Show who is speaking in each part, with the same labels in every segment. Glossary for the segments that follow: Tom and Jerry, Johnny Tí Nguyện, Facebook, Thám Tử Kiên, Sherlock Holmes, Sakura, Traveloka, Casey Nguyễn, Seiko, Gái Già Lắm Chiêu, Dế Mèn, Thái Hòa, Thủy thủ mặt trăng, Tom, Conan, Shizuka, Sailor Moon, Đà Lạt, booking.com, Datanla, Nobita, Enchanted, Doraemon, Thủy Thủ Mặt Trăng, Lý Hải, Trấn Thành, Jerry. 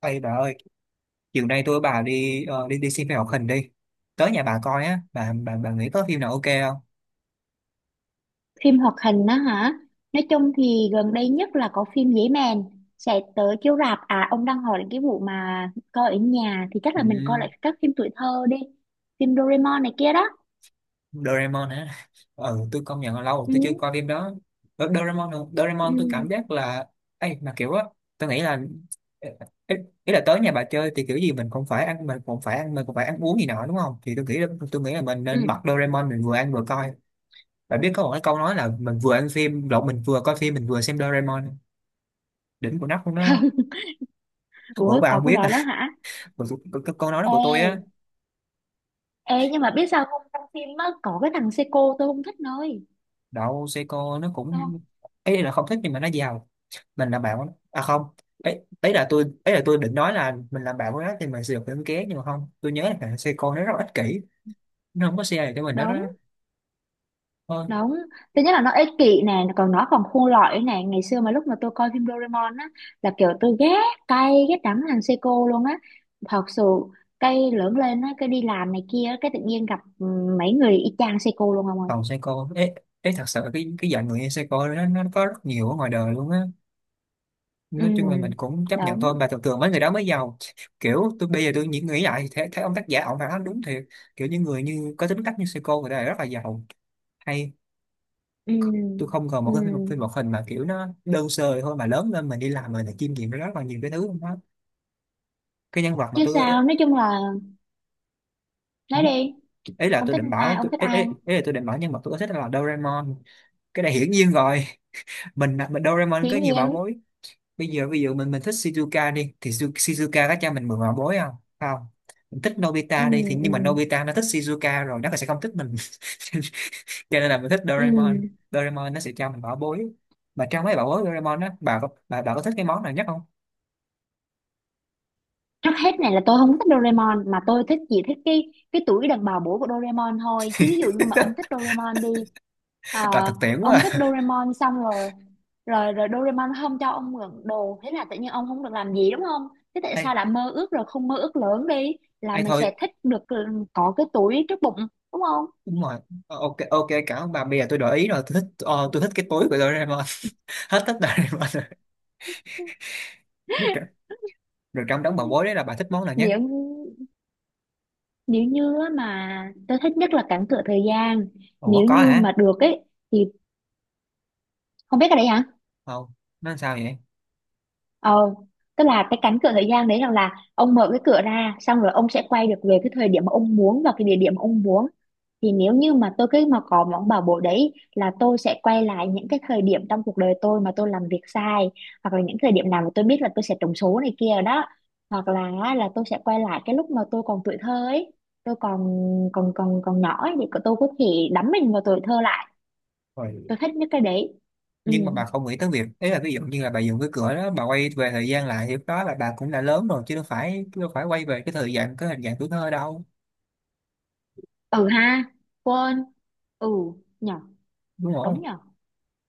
Speaker 1: Ê bà ơi, chiều nay tôi với bà đi ờ, đi đi xem phim hoạt hình đi. Tới nhà bà coi á, bà nghĩ có phim nào ok không?
Speaker 2: Phim hoạt hình á hả? Nói chung thì gần đây nhất là có phim Dế Mèn sẽ tới chiếu rạp. À, ông đang hỏi cái vụ mà coi ở nhà thì chắc là mình coi
Speaker 1: Ừ,
Speaker 2: lại các phim tuổi thơ đi. Phim Doraemon này kia đó.
Speaker 1: Doraemon hả? Ừ, tôi công nhận là lâu rồi
Speaker 2: Ừ,
Speaker 1: tôi chưa coi phim đó. Ờ, Doraemon, hả?
Speaker 2: ừ,
Speaker 1: Doraemon tôi cảm giác là ấy mà kiểu á, tôi nghĩ là ý, ý là tới nhà bà chơi thì kiểu gì mình cũng phải ăn uống gì nọ đúng không? Thì tôi nghĩ là mình
Speaker 2: ừ.
Speaker 1: nên bật Doraemon mình vừa ăn vừa coi. Bà biết có một cái câu nói là mình vừa coi phim mình vừa xem Doraemon. Đỉnh của nóc luôn đó.
Speaker 2: Không.
Speaker 1: Ủa
Speaker 2: Ủa,
Speaker 1: bà
Speaker 2: có
Speaker 1: không
Speaker 2: cái
Speaker 1: biết
Speaker 2: đó đó hả?
Speaker 1: còn cái, câu nói đó của tôi á.
Speaker 2: Ê, ê, nhưng mà biết sao không, trong phim á có cái thằng Seiko tôi không thích nơi.
Speaker 1: Đậu, Seiko nó
Speaker 2: Không.
Speaker 1: cũng ấy là không thích nhưng mà nó giàu. Mình là bạn của nó. À không, ấy ấy là tôi định nói là mình làm bạn của nó thì mình sẽ được những ké nhưng mà không, tôi nhớ là Seiko nó rất là ích kỷ, nó không có share được cho mình đó đó.
Speaker 2: Đúng.
Speaker 1: Thôi,
Speaker 2: Đúng, thứ nhất là nó ích kỷ nè, còn nó còn khôn lỏi nè. Ngày xưa mà lúc mà tôi coi phim Doraemon á, là kiểu tôi ghét cay, ghét đắng thằng Seiko luôn á. Thật sự, cái lớn lên á, cái đi làm này kia, á, cái tự nhiên gặp mấy người y chang Seiko luôn không ơi.
Speaker 1: còn Seiko ấy, ấy thật sự cái dạng người như Seiko nó có rất nhiều ở ngoài đời luôn á.
Speaker 2: Ừ,
Speaker 1: Nói chung là mình cũng chấp nhận thôi
Speaker 2: đúng,
Speaker 1: mà thường thường mấy người đó mới giàu. Kiểu tôi bây giờ tôi nghĩ nghĩ lại thì thấy ông tác giả ông phải nói đúng thiệt, kiểu những người như có tính cách như Seiko người ta là rất là giàu hay.
Speaker 2: ừ,
Speaker 1: Tôi không cần một
Speaker 2: ừ.
Speaker 1: cái phim phim một hình mà kiểu nó đơn sơ thôi mà lớn lên mình đi làm mình phải chiêm nghiệm rất là nhiều cái thứ đó. Cái nhân vật mà
Speaker 2: Chứ
Speaker 1: tôi
Speaker 2: sao, nói chung là,
Speaker 1: ừ,
Speaker 2: nói đi, ông thích ai, ông thích ai.
Speaker 1: ý là tôi định bảo nhân vật tôi thích là Doraemon. Cái này hiển nhiên rồi. Mình Doraemon
Speaker 2: Dĩ
Speaker 1: có nhiều bảo
Speaker 2: nhiên,
Speaker 1: bối. Bây giờ ví dụ mình thích Shizuka đi thì Shizuka có cho mình mượn bảo bối không? Không. Mình thích
Speaker 2: ừ,
Speaker 1: Nobita đi thì
Speaker 2: ừ,
Speaker 1: nhưng mà Nobita nó thích Shizuka rồi nó sẽ không thích mình. Cho nên là mình thích Doraemon.
Speaker 2: ừ.
Speaker 1: Doraemon nó sẽ cho mình bảo bối, mà trong mấy bảo bối Doraemon á, bà có thích cái món nào nhất không?
Speaker 2: Trước hết này là tôi không thích Doraemon mà tôi thích chỉ thích cái tuổi đàn bà bổ của Doraemon thôi, chứ ví dụ như mà ông thích Doraemon đi. ờ,
Speaker 1: Là thực tiễn quá
Speaker 2: ông thích
Speaker 1: à.
Speaker 2: Doraemon xong rồi, rồi Doraemon không cho ông mượn đồ, thế là tự nhiên ông không được làm gì đúng không? Thế tại
Speaker 1: Ai,
Speaker 2: sao lại mơ ước, rồi không mơ ước lớn đi là
Speaker 1: ai
Speaker 2: mình
Speaker 1: thôi.
Speaker 2: sẽ thích được có cái tuổi trước bụng, đúng không?
Speaker 1: Đúng rồi. Ờ, ok ok cảm ơn bà, bây giờ tôi đổi ý rồi, tôi thích cái túi của Doraemon. Hết thích Doraemon rồi. Được, rồi. Rồi trong đống bà bối đấy là bà thích món nào nhất?
Speaker 2: Nếu nếu như á mà tôi thích nhất là cản cửa thời gian.
Speaker 1: Ủa
Speaker 2: Nếu
Speaker 1: có
Speaker 2: như
Speaker 1: hả?
Speaker 2: mà được ấy thì không biết cái đấy hả?
Speaker 1: Không, nó làm sao vậy?
Speaker 2: Ờ, tức là cái cánh cửa thời gian đấy rằng là ông mở cái cửa ra xong rồi ông sẽ quay được về cái thời điểm mà ông muốn và cái địa điểm mà ông muốn. Thì nếu như mà tôi cứ mà có món bảo bối đấy là tôi sẽ quay lại những cái thời điểm trong cuộc đời tôi mà tôi làm việc sai, hoặc là những thời điểm nào mà tôi biết là tôi sẽ trúng số này kia đó, hoặc là á, là tôi sẽ quay lại cái lúc mà tôi còn tuổi thơ ấy. Tôi còn còn còn còn nhỏ ấy thì tôi có thể đắm mình vào tuổi thơ lại.
Speaker 1: Rồi.
Speaker 2: Tôi thích nhất cái đấy. Ừ,
Speaker 1: Nhưng mà bà không nghĩ tới việc ấy là ví dụ như là bà dùng cái cửa đó bà quay về thời gian lại thì lúc đó là bà cũng đã lớn rồi chứ đâu phải quay về cái thời gian cái hình dạng tuổi thơ đâu.
Speaker 2: ừ ha. Quên. Ừ nhở.
Speaker 1: Đúng rồi.
Speaker 2: Đúng nhở.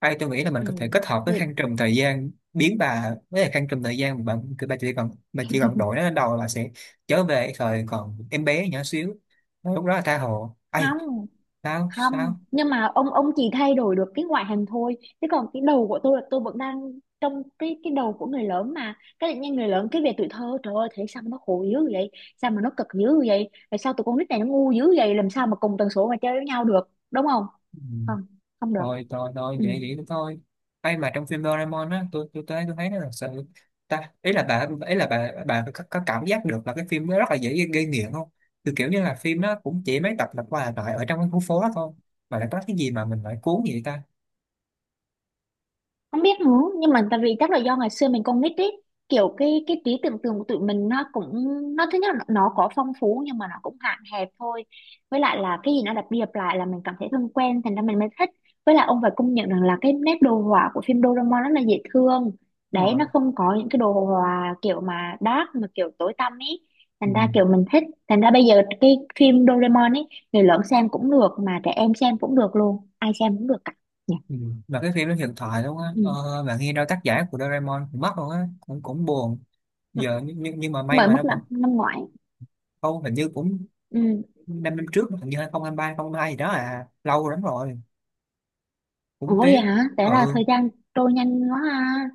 Speaker 1: Hay tôi nghĩ là mình
Speaker 2: Ừ,
Speaker 1: có thể kết hợp với
Speaker 2: thì
Speaker 1: khăn trùm thời gian, biến bà với lại khăn trùm thời gian mà bạn, bà chỉ cần đổi nó lên đầu là sẽ trở về thời còn em bé nhỏ xíu. Rồi lúc đó là tha hồ. Ai,
Speaker 2: không.
Speaker 1: sao
Speaker 2: Không,
Speaker 1: sao?
Speaker 2: nhưng mà ông chỉ thay đổi được cái ngoại hình thôi, chứ còn cái đầu của tôi là tôi vẫn đang trong cái đầu của người lớn, mà cái tự nhiên người lớn cái về tuổi thơ, trời ơi, thấy sao mà nó khổ dữ vậy, sao mà nó cực dữ vậy, tại sao tụi con nít này nó ngu dữ vậy, làm sao mà cùng tần số mà chơi với nhau được đúng không?
Speaker 1: Ừ.
Speaker 2: Không, không được.
Speaker 1: Thôi thôi thôi
Speaker 2: Ừ.
Speaker 1: vậy vậy thôi. Ai mà trong phim Doraemon á, tôi tới tôi thấy nó là sự, ta ý là bà có cảm giác được là cái phim nó rất là dễ gây nghiện không? Từ kiểu như là phim nó cũng chỉ mấy tập lặp qua lặp lại ở trong cái khu phố đó thôi mà lại có cái gì mà mình lại cuốn vậy ta.
Speaker 2: Không biết nữa, nhưng mà tại vì chắc là do ngày xưa mình còn nít ý, kiểu cái trí tưởng tượng của tụi mình nó cũng, nó thứ nhất là nó có phong phú nhưng mà nó cũng hạn hẹp thôi. Với lại là cái gì nó lặp đi lặp lại là mình cảm thấy thân quen, thành ra mình mới thích. Với lại ông phải công nhận rằng là cái nét đồ họa của phim Doraemon rất là dễ thương
Speaker 1: Đúng
Speaker 2: đấy,
Speaker 1: rồi.
Speaker 2: nó không có những cái đồ họa kiểu mà dark mà kiểu tối tăm ý.
Speaker 1: Ừ.
Speaker 2: Thành ra kiểu mình thích, thành ra bây giờ cái phim Doraemon ấy người lớn xem cũng được mà trẻ em xem cũng được, luôn ai xem cũng được cả nhỉ.
Speaker 1: Ừ. Mà cái phim nó hiện thoại luôn á,
Speaker 2: Ừ.
Speaker 1: bạn nghe đâu tác giả của Doraemon cũng mất luôn á, cũng cũng buồn. Giờ nhưng mà may
Speaker 2: Mới
Speaker 1: mà
Speaker 2: mất
Speaker 1: nó vẫn
Speaker 2: năm năm ngoái.
Speaker 1: không hình như cũng
Speaker 2: Ừ.
Speaker 1: 5 năm trước hình như 2023 hai gì đó, à lâu lắm rồi,
Speaker 2: Ủa
Speaker 1: cũng
Speaker 2: vậy
Speaker 1: tiếc.
Speaker 2: hả, thế là
Speaker 1: Ừ,
Speaker 2: thời gian trôi nhanh quá ha.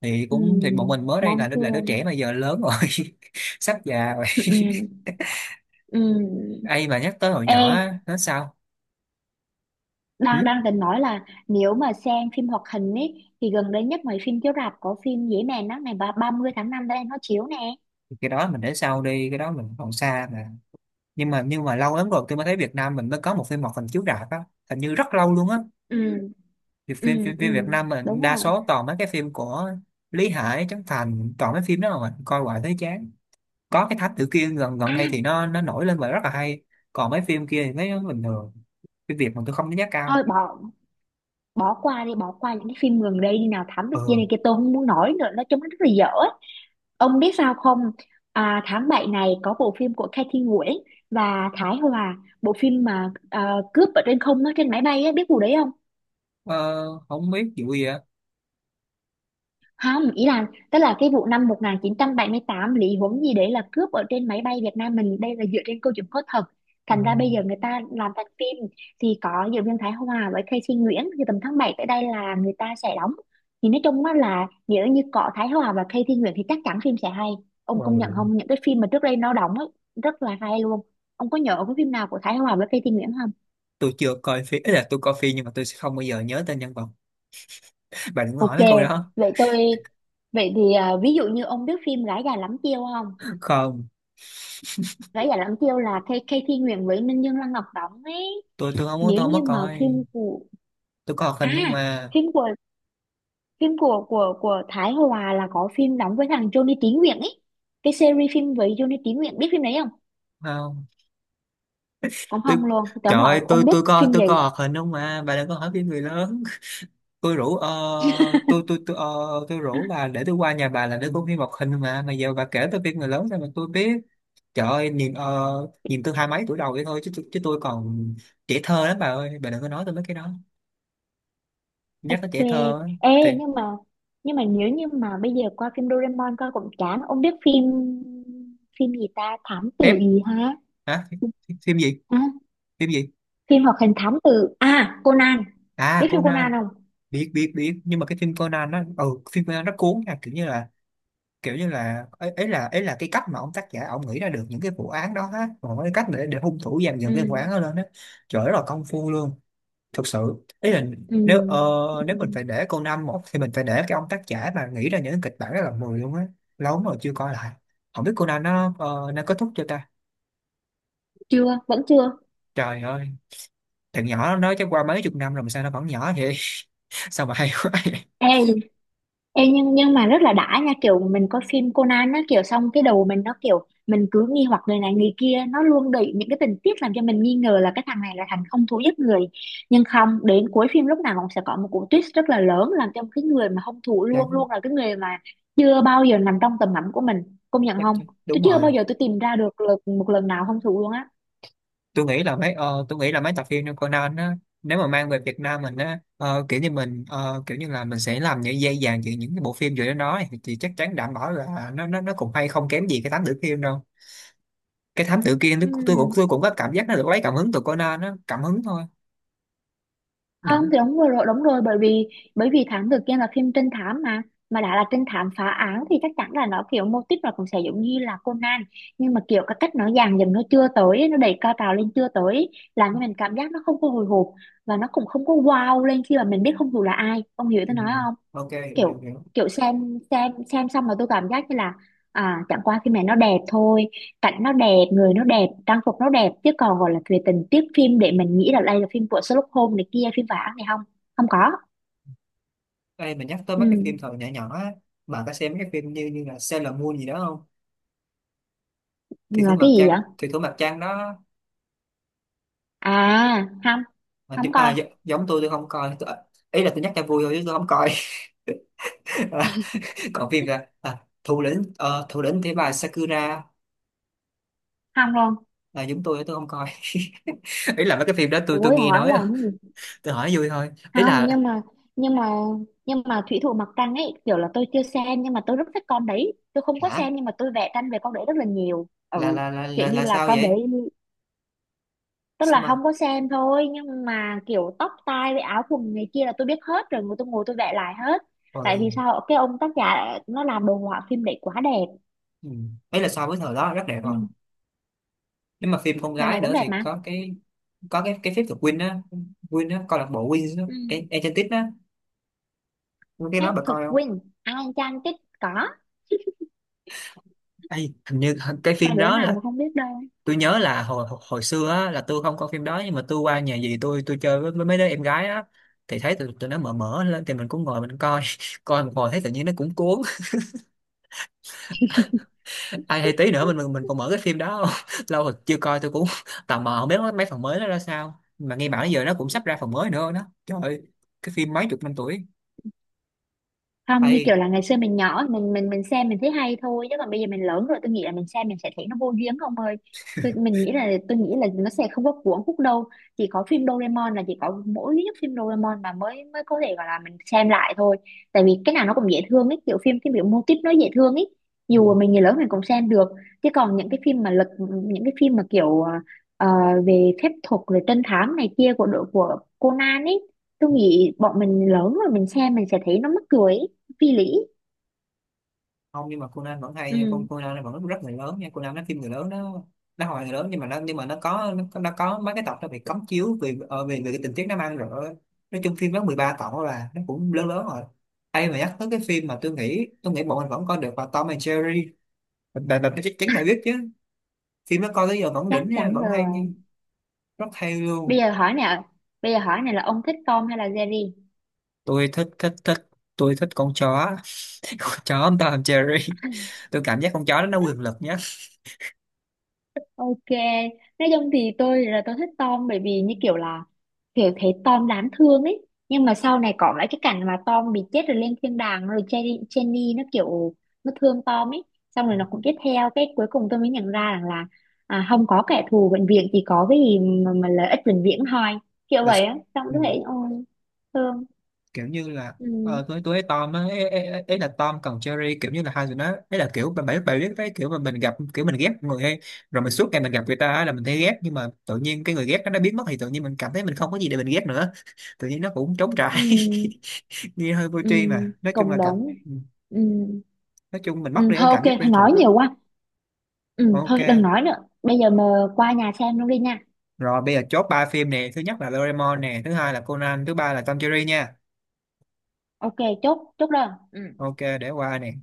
Speaker 1: thì
Speaker 2: Ừ.
Speaker 1: cũng bọn mình mới đây
Speaker 2: Đáng
Speaker 1: là đứa
Speaker 2: thương.
Speaker 1: trẻ mà giờ lớn rồi. Sắp già rồi.
Speaker 2: Ừ. Ừ.
Speaker 1: Ai mà nhắc tới hồi
Speaker 2: Ê,
Speaker 1: nhỏ á, nói sao. Ừ?
Speaker 2: đang đang định nói là nếu mà xem phim hoạt hình ấy thì gần đây nhất mấy phim chiếu rạp có phim Dế Mèn á, ngày 30 tháng 5 đây nó chiếu nè.
Speaker 1: Cái đó mình để sau đi, cái đó mình còn xa mà. Nhưng mà lâu lắm rồi tôi mới thấy Việt Nam mình mới có một phim hoạt hình chiếu rạp á, hình như rất lâu luôn á.
Speaker 2: Ừ.
Speaker 1: Thì phim,
Speaker 2: Ừ.
Speaker 1: phim
Speaker 2: Ừ.
Speaker 1: phim Việt Nam mình
Speaker 2: Đúng
Speaker 1: đa
Speaker 2: rồi.
Speaker 1: số toàn mấy cái phim của Lý Hải, Trấn Thành, toàn mấy phim đó mà mình coi hoài thấy chán. Có cái Thám Tử Kiên gần gần
Speaker 2: À
Speaker 1: đây thì nó nổi lên và rất là hay, còn mấy phim kia thì thấy nó bình thường. Phim Việt mà tôi không đánh giá
Speaker 2: thôi,
Speaker 1: cao.
Speaker 2: bỏ, bỏ qua đi bỏ qua những cái phim gần đây đi, nào thám tử kia
Speaker 1: Ừ.
Speaker 2: này kia, tôi không muốn nói nữa, nói chung nó rất là dở. Ông biết sao không? À, tháng 7 này có bộ phim của Kathy Nguyễn và Thái Hòa, bộ phim mà à, cướp ở trên không, nó trên máy bay á, biết vụ đấy
Speaker 1: ờ, không biết vụ gì ạ.
Speaker 2: không? Ý là tức là cái vụ năm một nghìn chín trăm bảy mươi tám, Lý Huống gì đấy là cướp ở trên máy bay Việt Nam mình, đây là dựa trên câu chuyện có thật,
Speaker 1: Ờ,
Speaker 2: thành ra bây giờ người ta làm thành phim. Thì có diễn viên Thái Hòa với Casey Nguyễn, thì tầm tháng 7 tới đây là người ta sẽ đóng. Thì nói chung á là nếu như có Thái Hòa và Casey Nguyễn thì chắc chắn phim sẽ hay. Ông công nhận không,
Speaker 1: ừ.
Speaker 2: những cái phim mà trước đây nó đóng ấy, rất là hay luôn. Ông có nhớ cái phim nào của Thái Hòa với Casey Nguyễn không?
Speaker 1: Tôi chưa coi phim, ý là tôi coi phim nhưng mà tôi sẽ không bao giờ nhớ tên nhân vật. Bạn đừng hỏi
Speaker 2: Ok,
Speaker 1: cái câu đó.
Speaker 2: vậy tôi, vậy thì à, ví dụ như ông biết phim Gái Già Lắm Chiêu không?
Speaker 1: Không,
Speaker 2: Rã Dạ Lãm Tiêu là Kay Thi Nguyễn với Ninh Dương Lăng Ngọc đóng ấy.
Speaker 1: tôi không muốn,
Speaker 2: Nếu
Speaker 1: tôi không có
Speaker 2: như mà
Speaker 1: coi.
Speaker 2: phim của,
Speaker 1: Tôi coi hoạt
Speaker 2: à
Speaker 1: hình không mà.
Speaker 2: phim của, phim của Thái Hòa là có phim đóng với thằng Johnny Tí Nguyện ấy. Cái series phim với Johnny Tí Nguyện, biết phim đấy không?
Speaker 1: Không,
Speaker 2: Cũng
Speaker 1: tôi.
Speaker 2: không luôn. Tưởng
Speaker 1: Trời
Speaker 2: là
Speaker 1: ơi,
Speaker 2: ông
Speaker 1: tôi
Speaker 2: ông biết
Speaker 1: tôi coi
Speaker 2: phim
Speaker 1: tôi coi
Speaker 2: gì.
Speaker 1: hoạt hình không mà bà đừng có hỏi phim người lớn. Tôi rủ ờ, tôi, ờ, tôi rủ bà để tôi qua nhà bà là để coi phim hoạt hình mà giờ bà kể tôi phim người lớn ra mà tôi biết. Trời ơi, nhìn tôi hai mấy tuổi đầu vậy thôi chứ, chứ tôi còn trẻ thơ lắm bà ơi, bà đừng có nói tôi mấy cái đó. Nhắc
Speaker 2: Ok.
Speaker 1: tới trẻ thơ á,
Speaker 2: Ê,
Speaker 1: thì
Speaker 2: nhưng mà, nhưng mà nếu như mà bây giờ qua phim Doraemon coi cũng chán. Ông biết phim, phim gì ta? Thám tử
Speaker 1: phép.
Speaker 2: gì hả?
Speaker 1: Hả? Phim gì?
Speaker 2: À,
Speaker 1: Phim gì?
Speaker 2: phim hoạt hình thám tử à Conan.
Speaker 1: À
Speaker 2: Biết phim Conan
Speaker 1: Conan.
Speaker 2: không?
Speaker 1: Biết biết biết nhưng mà cái phim Conan nó ừ, phim Conan nó cuốn nha, kiểu như là, kiểu như là ấy, ấy là cái cách mà ông tác giả ông nghĩ ra được những cái vụ án đó á, còn cái cách để hung thủ dàn dựng cái vụ án
Speaker 2: Ừ.
Speaker 1: đó lên á, trời rất là công phu luôn. Thực sự ý là
Speaker 2: Ừ,
Speaker 1: nếu ờ, nếu mình
Speaker 2: ừ,
Speaker 1: phải để Conan một thì mình phải để cái ông tác giả mà nghĩ ra những kịch bản rất là mười luôn á. Lâu lắm rồi chưa coi lại, không biết Conan nó kết thúc chưa ta.
Speaker 2: chưa vẫn chưa.
Speaker 1: Trời ơi, thằng nhỏ nó chắc qua mấy chục năm rồi mà sao nó vẫn nhỏ vậy. Sao mà hay quá vậy.
Speaker 2: Ê, ê nhưng mà rất là đã nha, kiểu mình coi phim Conan á, kiểu xong cái đầu mình nó kiểu mình cứ nghi hoặc người này người kia, nó luôn đẩy những cái tình tiết làm cho mình nghi ngờ là cái thằng này là thằng không thú giết người, nhưng không, đến cuối phim lúc nào cũng sẽ có một cú twist rất là lớn làm cho cái người mà hung thủ
Speaker 1: Dạ,
Speaker 2: luôn luôn là cái người mà chưa bao giờ nằm trong tầm ngắm của mình, công nhận không? Tôi
Speaker 1: đúng
Speaker 2: chưa bao
Speaker 1: rồi.
Speaker 2: giờ tôi tìm ra được, được một lần nào hung thủ luôn á.
Speaker 1: Tôi nghĩ là mấy ờ, tôi nghĩ là mấy tập phim như Conan á, nếu mà mang về Việt Nam mình á, kiểu như là mình sẽ làm những dây vàng giữa những cái bộ phim vừa đến đó nói, thì chắc chắn đảm bảo là nó cũng hay không kém gì cái thám tử Kiên đâu. Cái thám tử Kiên tôi
Speaker 2: Ừ.
Speaker 1: cũng tôi cũng tôi cũng có cảm giác nó được lấy cảm hứng từ Conan á, cảm hứng thôi.
Speaker 2: Không,
Speaker 1: Đúng.
Speaker 2: thì đúng rồi, rồi, đúng rồi, bởi vì thám tử kia là phim trinh thám mà đã là trinh thám phá án thì chắc chắn là nó kiểu mô típ nó cũng sẽ giống như là Conan. Nhưng mà kiểu cái cách nó dàn dựng nó chưa tới ấy, nó đẩy cao trào lên chưa tới ấy, làm cho mình cảm giác nó không có hồi hộp và nó cũng không có wow lên khi mà mình biết hung thủ là ai, ông hiểu
Speaker 1: Ừ.
Speaker 2: tôi nói không?
Speaker 1: Ok, hiểu hiểu
Speaker 2: Kiểu,
Speaker 1: hiểu.
Speaker 2: kiểu xem xong mà tôi cảm giác như là à, chẳng qua phim này nó đẹp thôi, cảnh nó đẹp, người nó đẹp, trang phục nó đẹp, chứ còn gọi là về tình tiết phim để mình nghĩ là đây là phim của Sherlock Holmes này kia, phim vả này, không, không có.
Speaker 1: Ê, mình nhắc tới mấy cái phim
Speaker 2: Ừ
Speaker 1: thời nhỏ nhỏ á, bạn có xem mấy cái phim như như là Sailor Moon gì đó không? Thủy thủ
Speaker 2: là cái
Speaker 1: mặt
Speaker 2: gì vậy?
Speaker 1: trăng, Thủy thủ mặt trăng đó.
Speaker 2: À không, không coi.
Speaker 1: Giống tôi không coi tôi, ý là tôi nhắc cho vui thôi chứ tôi không coi. Còn phim ra à, thủ lĩnh thế bà Sakura,
Speaker 2: Không luôn.
Speaker 1: là giống tôi không coi. Ý là mấy cái phim đó tôi
Speaker 2: Ủa
Speaker 1: nghe
Speaker 2: hỏi
Speaker 1: nói
Speaker 2: là
Speaker 1: thôi,
Speaker 2: cái gì?
Speaker 1: tôi hỏi vui thôi, ý
Speaker 2: Không,
Speaker 1: là.
Speaker 2: nhưng mà, nhưng mà nhưng mà thủy thủ mặt trăng ấy, kiểu là tôi chưa xem nhưng mà tôi rất thích con đấy. Tôi không có
Speaker 1: Hả?
Speaker 2: xem nhưng mà tôi vẽ tranh về con đấy rất là nhiều. Ừ,
Speaker 1: là là là
Speaker 2: kiểu
Speaker 1: là,
Speaker 2: như
Speaker 1: là
Speaker 2: là
Speaker 1: sao
Speaker 2: con
Speaker 1: vậy?
Speaker 2: đấy, tức
Speaker 1: Sao
Speaker 2: là
Speaker 1: mà.
Speaker 2: không có xem thôi nhưng mà kiểu tóc tai với áo quần này kia là tôi biết hết rồi, tôi ngồi tôi vẽ lại hết. Tại
Speaker 1: Rồi.
Speaker 2: vì sao cái ông tác giả nó làm đồ họa phim đấy quá đẹp.
Speaker 1: Ừ. Ấy là so với thời đó rất đẹp
Speaker 2: Ừ.
Speaker 1: rồi. Nếu mà phim con
Speaker 2: Thời này
Speaker 1: gái
Speaker 2: cũng
Speaker 1: nữa
Speaker 2: đẹp
Speaker 1: thì
Speaker 2: mà.
Speaker 1: có cái phép thuật Win á, Win á câu lạc bộ Win á,
Speaker 2: Ừ.
Speaker 1: Enchanted á, cái
Speaker 2: Hết
Speaker 1: đó bà
Speaker 2: thực
Speaker 1: coi không?
Speaker 2: Win Ai Chan Tích có.
Speaker 1: Ê, hình như cái
Speaker 2: Có
Speaker 1: phim
Speaker 2: đứa
Speaker 1: đó
Speaker 2: nào mà
Speaker 1: là,
Speaker 2: không biết đâu.
Speaker 1: tôi nhớ là hồi hồi xưa á, là tôi không coi phim đó nhưng mà tôi qua nhà dì tôi chơi với mấy đứa em gái á thì thấy tụi nó mở mở lên thì mình cũng ngồi mình coi. Coi một hồi thấy tự nhiên nó cũng cuốn, ai hay tí nữa mình còn mở cái phim đó không? Lâu rồi chưa coi tôi cũng tò mò, không biết mấy phần mới nó ra sao mà nghe bảo giờ nó cũng sắp ra phần mới nữa đó. Trời ơi, cái phim mấy chục năm tuổi.
Speaker 2: Không, như kiểu
Speaker 1: Ây.
Speaker 2: là ngày xưa mình nhỏ, mình xem mình thấy hay thôi, chứ còn bây giờ mình lớn rồi, tôi nghĩ là mình xem mình sẽ thấy nó vô duyên không ơi. Tôi mình nghĩ là, nó sẽ không có cuốn hút đâu. Chỉ có phim Doraemon là, chỉ có mỗi duy nhất phim Doraemon mà mới mới có thể gọi là mình xem lại thôi. Tại vì cái nào nó cũng dễ thương ấy, kiểu phim cái kiểu mô típ nó dễ thương ấy, dù mà mình người lớn mình cũng xem được. Chứ còn những cái phim mà lật, những cái phim mà kiểu ờ, về phép thuật rồi trinh thám này kia của đội của Conan ấy, tôi nghĩ bọn mình lớn rồi mình xem mình sẽ thấy nó mắc cười ý, phi lý.
Speaker 1: Không nhưng mà Conan vẫn hay nha,
Speaker 2: Ừ,
Speaker 1: con Conan nó vẫn rất người lớn nha, Conan nó phim người lớn đó. Nó hồi người lớn nhưng mà nó có mấy cái tập nó bị cấm chiếu vì ờ, vì vì cái tình tiết nó mang rồi, nói chung phim nó 13 tập là nó cũng lớn lớn rồi. Ai mà nhắc tới cái phim mà tôi nghĩ bọn mình vẫn coi được là Tom and Jerry, là chắc chắn là biết chứ. Phim nó coi tới giờ vẫn
Speaker 2: chắc
Speaker 1: đỉnh nha,
Speaker 2: chắn
Speaker 1: vẫn hay,
Speaker 2: rồi.
Speaker 1: rất hay luôn.
Speaker 2: bây giờ hỏi nào bây giờ hỏi này là ông thích Tom hay là Jerry?
Speaker 1: Tôi thích thích thích, tôi thích con chó. Con chó Tom and Jerry, tôi cảm giác con chó đó nó quyền lực nhất.
Speaker 2: Ok, nói chung thì tôi là tôi thích Tom, bởi vì như kiểu là kiểu thấy Tom đáng thương ấy. Nhưng mà sau này có lại cái cảnh mà Tom bị chết rồi lên thiên đàng, rồi Jenny, Jenny nó kiểu nó thương Tom ấy, xong rồi nó cũng tiếp theo. Cái cuối cùng tôi mới nhận ra rằng là à, không có kẻ thù vĩnh viễn, chỉ có cái gì mà lợi ích vĩnh viễn thôi, kiểu vậy á. Xong
Speaker 1: Ừ.
Speaker 2: tôi thấy ôi thương.
Speaker 1: Kiểu như là,
Speaker 2: Ừ.
Speaker 1: tôi với Tom á, ấy, ấy là Tom còn Jerry kiểu như là hai người nó, ấy là kiểu bạn, bà biết cái kiểu mà mình gặp kiểu mình ghét người hay, rồi mình suốt ngày mình gặp người ta á, là mình thấy ghét nhưng mà tự nhiên cái người ghét nó đã biến mất thì tự nhiên mình cảm thấy mình không có gì để mình ghét nữa, tự nhiên nó cũng trống
Speaker 2: Ừ.
Speaker 1: trải. Nghe hơi vô
Speaker 2: Ừ,
Speaker 1: tri mà nói chung
Speaker 2: cộng
Speaker 1: là cảm.
Speaker 2: đồng.
Speaker 1: Ừ,
Speaker 2: Ừ,
Speaker 1: nói chung mình mất
Speaker 2: ừ,
Speaker 1: đi cái
Speaker 2: thôi ok,
Speaker 1: cảm giác quen
Speaker 2: thôi nói
Speaker 1: thuộc á.
Speaker 2: nhiều quá. Ừ,
Speaker 1: Ok
Speaker 2: thôi đừng nói nữa. Bây giờ mà qua nhà xem luôn đi nha.
Speaker 1: rồi bây giờ chốt ba phim nè, thứ nhất là Doraemon nè, thứ hai là Conan, thứ ba là Tom Jerry nha.
Speaker 2: Ok, chốt, chốt đơn. Ừ.
Speaker 1: Ok để qua nè.